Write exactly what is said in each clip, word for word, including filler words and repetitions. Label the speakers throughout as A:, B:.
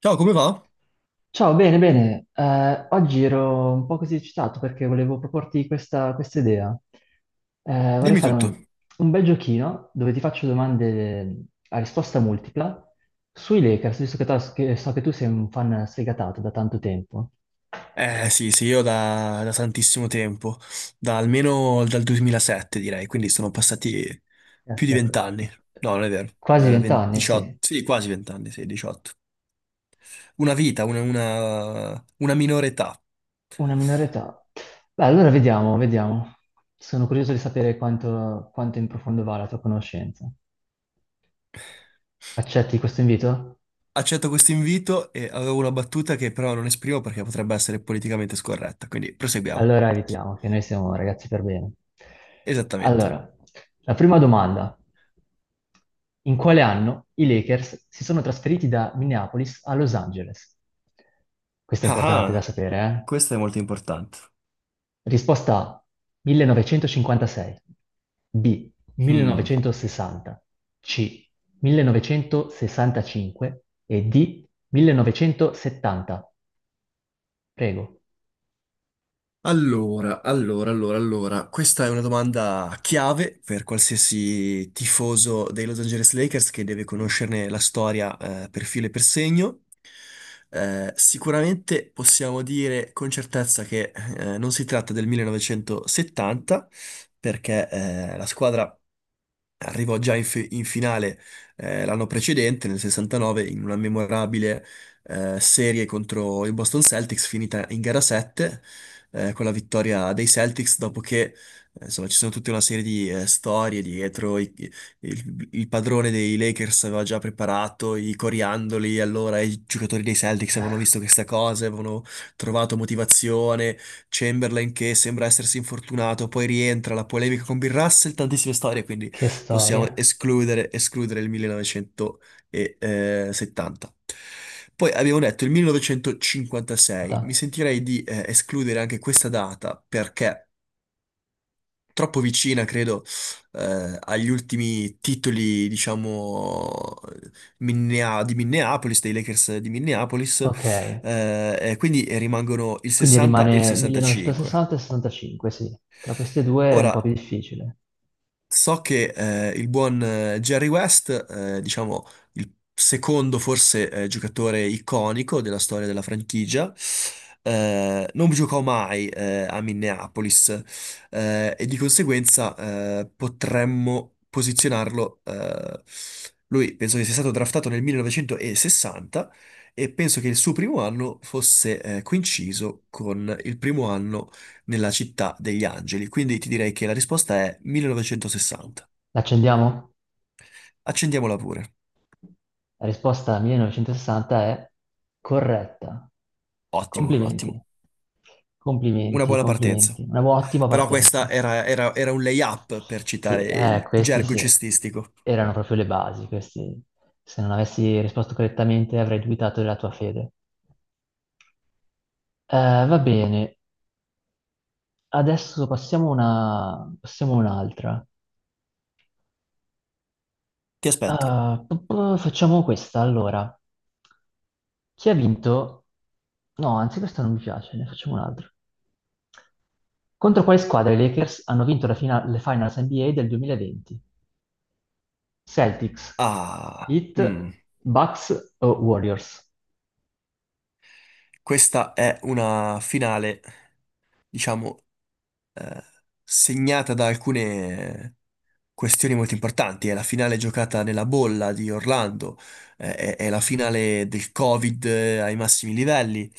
A: Ciao, come va?
B: Ciao, bene, bene. Eh, oggi ero un po' così eccitato perché volevo proporti questa, questa idea. Eh, vorrei
A: Dimmi
B: fare
A: tutto.
B: un, un bel giochino dove ti faccio domande a risposta multipla sui Lakers, visto che, tu- che so che tu sei un fan sfegatato da tanto tempo.
A: Eh sì, sì, io da, da tantissimo tempo, da almeno dal duemilasette direi, quindi sono passati più di
B: Aspetta,
A: vent'anni. No, non è vero.
B: quasi
A: Eh, ven-
B: vent'anni, sì.
A: diciotto, sì, quasi vent'anni, sì, diciotto. Una vita, una, una, una minore età.
B: Una minore età. Beh, allora vediamo, vediamo. Sono curioso di sapere quanto, quanto in profondo va la tua conoscenza. Accetti questo invito?
A: Accetto questo invito e avevo una battuta che però non esprimo perché potrebbe essere politicamente scorretta, quindi proseguiamo.
B: Allora evitiamo, che noi siamo ragazzi per bene.
A: Esattamente.
B: Allora, la prima domanda. In quale anno i Lakers si sono trasferiti da Minneapolis a Los Angeles? Questa è
A: Ah,
B: importante da
A: ah,
B: sapere,
A: questo è molto importante.
B: eh? Risposta A, millenovecentocinquantasei, B, millenovecentosessanta, C, millenovecentosessantacinque e D, millenovecentosettanta. Prego.
A: Allora, allora, allora, allora, questa è una domanda chiave per qualsiasi tifoso dei Los Angeles Lakers che deve conoscerne la storia, eh, per filo e per segno. Eh, sicuramente possiamo dire con certezza che, eh, non si tratta del millenovecentosettanta, perché, eh, la squadra arrivò già in, fi- in finale, eh, l'anno precedente, nel sessantanove, in una memorabile eh, serie contro i Boston Celtics, finita in gara sette, eh, con la vittoria dei Celtics, dopo che, eh, insomma, ci sono tutta una serie di eh, storie dietro. i- i- il, il padrone dei Lakers aveva già preparato i coriandoli, allora i giocatori dei Celtics avevano visto questa cosa, avevano trovato motivazione. Chamberlain che sembra essersi infortunato, poi rientra, la polemica con Bill Russell, tantissime storie, quindi
B: Che
A: possiamo
B: storia.
A: escludere, escludere il millenovecentosettanta. Poi abbiamo detto il millenovecentocinquantasei, mi sentirei di eh, escludere anche questa data perché troppo vicina, credo, eh, agli ultimi titoli, diciamo, Minnea- di Minneapolis, dei Lakers di Minneapolis,
B: Ok.
A: eh, e quindi rimangono il
B: Quindi
A: sessanta e il
B: rimane
A: sessantacinque.
B: millenovecentosessanta e sessantacinque, sì. Tra queste due è un po'
A: Ora,
B: più difficile.
A: So che, eh, il buon, eh, Jerry West, eh, diciamo il secondo, forse, eh, giocatore iconico della storia della franchigia, eh, non giocò mai, eh, a Minneapolis, eh, e di conseguenza, eh, potremmo posizionarlo, eh, lui penso che sia stato draftato nel millenovecentosessanta e penso che il suo primo anno fosse, eh, coinciso con il primo anno nella città degli angeli, quindi ti direi che la risposta è millenovecentosessanta.
B: L'accendiamo?
A: Accendiamola pure.
B: La risposta millenovecentosessanta è corretta.
A: Ottimo,
B: Complimenti.
A: ottimo. Una
B: Complimenti,
A: buona partenza.
B: complimenti. Una bu- ottima
A: Però
B: partenza.
A: questa era, era- era un lay-up per
B: Sì,
A: citare
B: eh,
A: il
B: questi
A: gergo
B: sì,
A: cestistico.
B: erano proprio le basi. Questi, se non avessi risposto correttamente avrei dubitato della tua fede. Eh, va bene, adesso passiamo a una... passiamo a un'altra.
A: Ti aspetto.
B: Ah, p- p- facciamo questa allora. Chi ha vinto? No, anzi, questa non mi piace, ne facciamo un'altra. Contro quale squadra i Lakers hanno vinto la fina- le Finals N B A del duemilaventi? Celtics,
A: Ah,
B: Heat,
A: mm,
B: Bucks o Warriors?
A: questa è una finale, diciamo, eh, segnata da alcune questioni molto importanti. È la finale giocata nella bolla di Orlando, eh, è, è la finale del Covid, eh, ai massimi livelli.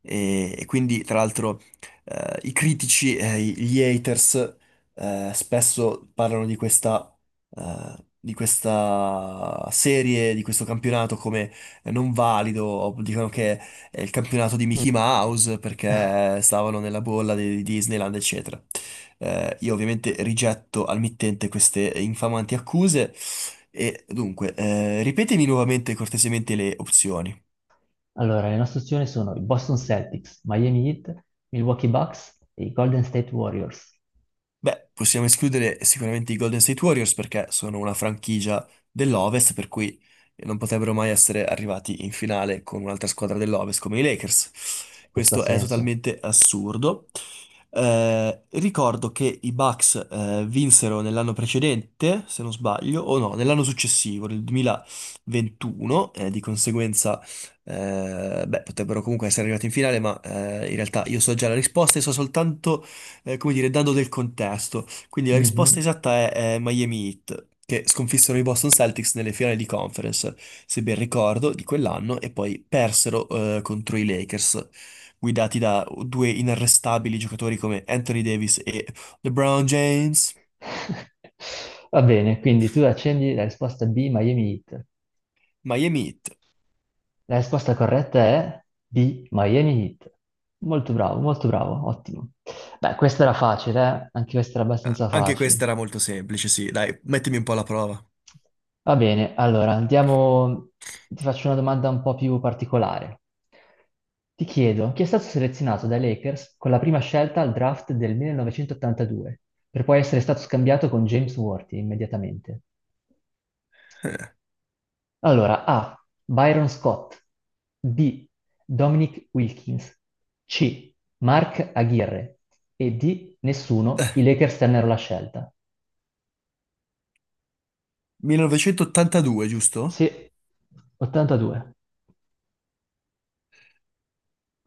A: E, e quindi, tra l'altro, eh, i critici, eh, i- gli haters, eh, spesso parlano di questa, eh, di questa serie, di questo campionato come, eh, non valido, o dicono che è il campionato di
B: Mm.
A: Mickey Mouse perché stavano nella bolla di di Disneyland, eccetera. Eh, io ovviamente rigetto al mittente queste infamanti accuse e dunque, eh, ripetemi nuovamente cortesemente le opzioni.
B: Allora, le nostre opzioni sono i Boston Celtics, Miami Heat, Milwaukee Bucks e i Golden State Warriors.
A: Beh, possiamo escludere sicuramente i Golden State Warriors perché sono una franchigia dell'Ovest, per cui non potrebbero mai essere arrivati in finale con un'altra squadra dell'Ovest come i Lakers.
B: Questo ha
A: Questo è
B: senso.
A: totalmente assurdo. Eh, ricordo che i Bucks, eh, vinsero nell'anno precedente, se non sbaglio, o no, nell'anno successivo, nel duemilaventuno, eh, di conseguenza, eh, beh, potrebbero comunque essere arrivati in finale, ma, eh, in realtà io so già la risposta e so soltanto, eh, come dire, dando del contesto. Quindi la risposta
B: Mhm.
A: esatta è, è Miami Heat, che sconfissero i Boston Celtics nelle finali di conference, se ben ricordo, di quell'anno, e poi persero, eh, contro i Lakers, guidati da due inarrestabili giocatori come Anthony Davis e LeBron James.
B: Va bene, quindi tu accendi la risposta B, Miami Heat.
A: Miami Heat.
B: La risposta corretta è B, Miami Heat. Molto bravo, molto bravo, ottimo. Beh, questa era facile, eh? Anche questa era
A: Ah,
B: abbastanza
A: Anche
B: facile.
A: questa era molto semplice, sì, dai, mettimi un po' alla prova.
B: Va bene, allora andiamo, ti faccio una domanda un po' più particolare. Ti chiedo, chi è stato selezionato dai Lakers con la prima scelta al draft del millenovecentottantadue, per poi essere stato scambiato con James Worthy immediatamente? Allora, A. Byron Scott. B. Dominic Wilkins. C. Mark Aguirre. E D. Nessuno. I Lakers tennero la scelta.
A: millenovecentottantadue, giusto?
B: Sì, ottantadue.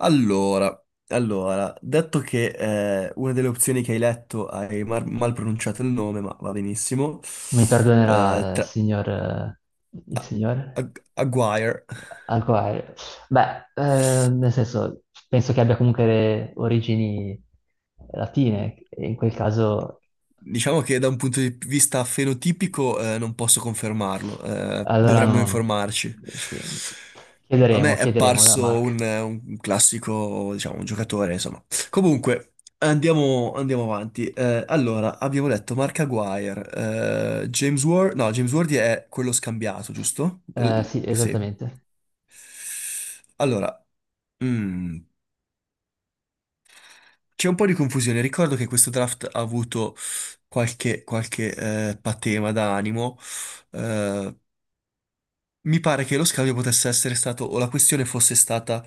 A: Allora, allora, detto che, eh, una delle opzioni che hai letto hai mar- mal pronunciato il nome, ma va benissimo.
B: Mi
A: Eh,
B: perdonerà, eh,
A: tra-
B: signor, eh, il
A: a-
B: signor
A: a- Aguirre.
B: Alcoair. Beh, eh, nel senso, penso che abbia comunque le origini latine, e in quel caso,
A: Diciamo che da un punto di vista fenotipico, eh, non posso confermarlo, eh,
B: allora
A: dovremmo
B: non...
A: informarci.
B: Sì.
A: A me
B: Chiederemo,
A: è
B: chiederemo a
A: apparso un,
B: Mark.
A: un classico, diciamo, un giocatore, insomma. Comunque, andiamo, andiamo avanti. Eh, allora, abbiamo detto Mark Aguirre, eh, James Ward, no, James Ward è quello scambiato, giusto?
B: Eh,
A: Eh,
B: sì,
A: sì.
B: esattamente.
A: Allora, mm, C'è un po' di confusione. Ricordo che questo draft ha avuto qualche, qualche eh, patema d'animo. Eh, mi pare che lo scambio potesse essere stato, o la questione fosse stata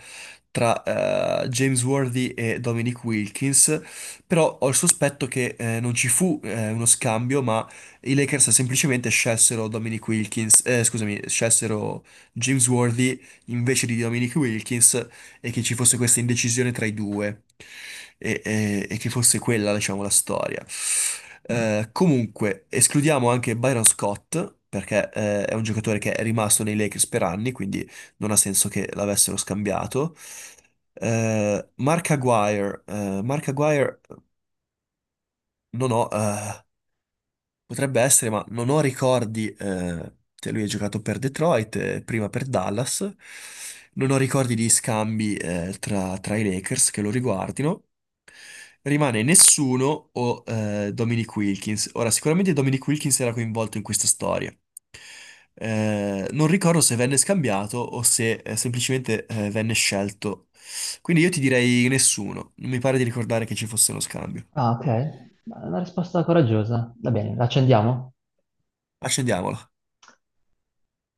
A: tra, eh, James Worthy e Dominic Wilkins, però ho il sospetto che, eh, non ci fu, eh, uno scambio, ma i Lakers semplicemente scelsero Dominic Wilkins, eh, scusami, scelsero James Worthy invece di Dominic Wilkins e che ci fosse questa indecisione tra i due e, e- e che fosse quella, diciamo, la storia.
B: Mm.
A: Eh, comunque, escludiamo anche Byron Scott. Perché, eh, è un giocatore che è rimasto nei Lakers per anni, quindi non ha senso che l'avessero scambiato. Eh, Mark Aguirre, eh, Mark Aguirre, non ho, eh, potrebbe essere, ma non ho ricordi, eh, cioè, lui ha giocato per Detroit, eh, prima per Dallas. Non ho ricordi di scambi, eh, tra, tra i Lakers che lo riguardino. Rimane nessuno o, eh, Dominic Wilkins. Ora, sicuramente Dominic Wilkins era coinvolto in questa storia. Eh, non ricordo se venne scambiato o se, eh, semplicemente, eh, venne scelto. Quindi io ti direi nessuno. Non mi pare di ricordare che ci fosse uno scambio.
B: Ah, ok. Una risposta coraggiosa. Va bene, la accendiamo.
A: Accendiamolo.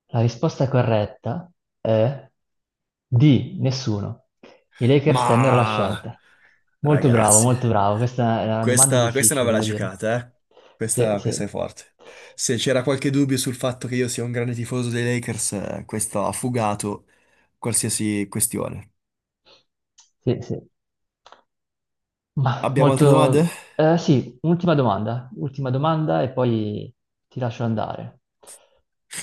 B: La risposta corretta è di nessuno. I Lakers tennero la
A: Ma
B: scelta. Molto bravo,
A: ragazzi,
B: molto bravo. Questa è una domanda
A: questa, questa è una
B: difficile,
A: bella
B: devo dire.
A: giocata, eh?
B: Sì,
A: Questa,
B: sì.
A: questa è forte. Se c'era qualche dubbio sul fatto che io sia un grande tifoso dei Lakers, eh, questo ha fugato qualsiasi questione.
B: Sì, sì. Ma
A: Abbiamo altre domande?
B: molto... eh, sì, ultima domanda, ultima domanda e poi ti lascio andare.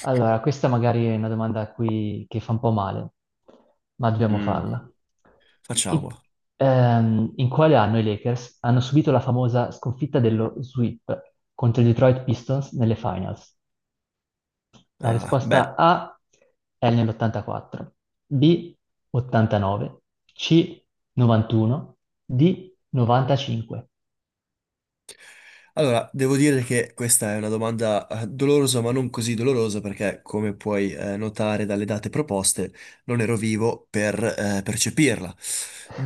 B: Allora, questa magari è una domanda a cui- che fa un po' male, ma dobbiamo
A: Mm.
B: farla.
A: Facciamo.
B: In, ehm, in quale anno i Lakers hanno subito la famosa sconfitta dello sweep contro i Detroit Pistons nelle finals? La
A: Ah,
B: risposta
A: beh.
B: A è nell'ottantaquattro, B ottantanove, C novantuno, D novantacinque.
A: Allora, devo dire che questa è una domanda, eh, dolorosa, ma non così dolorosa, perché come puoi, eh, notare dalle date proposte, non ero vivo per, eh, percepirla.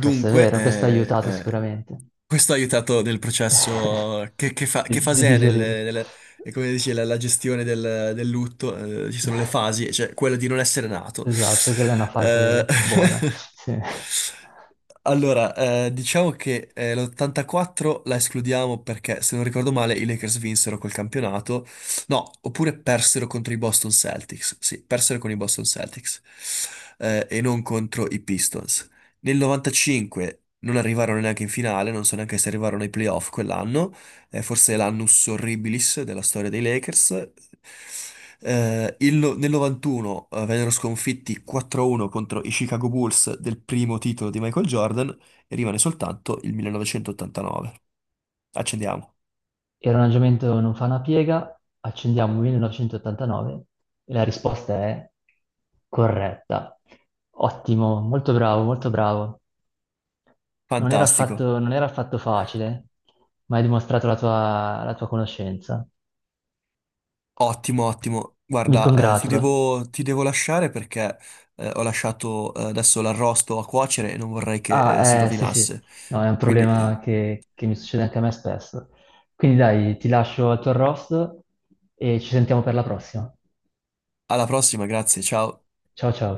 B: Questo è vero, questo ha
A: eh,
B: aiutato
A: eh,
B: sicuramente
A: questo ha aiutato nel processo. Che, che fa-
B: di,
A: che
B: di
A: fase è, nel,
B: digerirlo.
A: nel- e come dici, la, la gestione del, del lutto? Eh, ci sono le fasi, cioè quella di non essere nato.
B: Esatto, quella è una
A: Eh,
B: fase buona. Sì.
A: Allora, eh, diciamo che, eh, l'ottantaquattro la escludiamo perché, se non ricordo male, i Lakers vinsero quel campionato. No, oppure persero contro i Boston Celtics. Sì, persero con i Boston Celtics, eh, e non contro i Pistons. Nel novantacinque non arrivarono neanche in finale, non so neanche se arrivarono ai playoff quell'anno, eh, forse l'annus horribilis della storia dei Lakers. Eh, il no- Nel novantuno, eh, vennero sconfitti quattro a uno contro i Chicago Bulls del primo titolo di Michael Jordan e rimane soltanto il millenovecentottantanove. Accendiamo.
B: Il ragionamento non fa una piega, accendiamo millenovecentottantanove e la risposta è corretta. Ottimo, molto bravo, molto bravo. Non era
A: Fantastico.
B: affatto, non era affatto facile, ma hai dimostrato la tua, la tua conoscenza.
A: Ottimo, ottimo.
B: Mi
A: Guarda, eh, ti
B: congratulo.
A: devo, ti devo lasciare perché, eh, ho lasciato, eh, adesso l'arrosto a cuocere e non vorrei che, eh, si
B: Ah, eh, sì, sì,
A: rovinasse.
B: no, è un
A: Quindi,
B: problema
A: eh,
B: che, che mi succede anche a me spesso. Quindi dai, ti lascio al tuo arrosto e ci sentiamo per la prossima.
A: alla prossima, grazie, ciao.
B: Ciao ciao.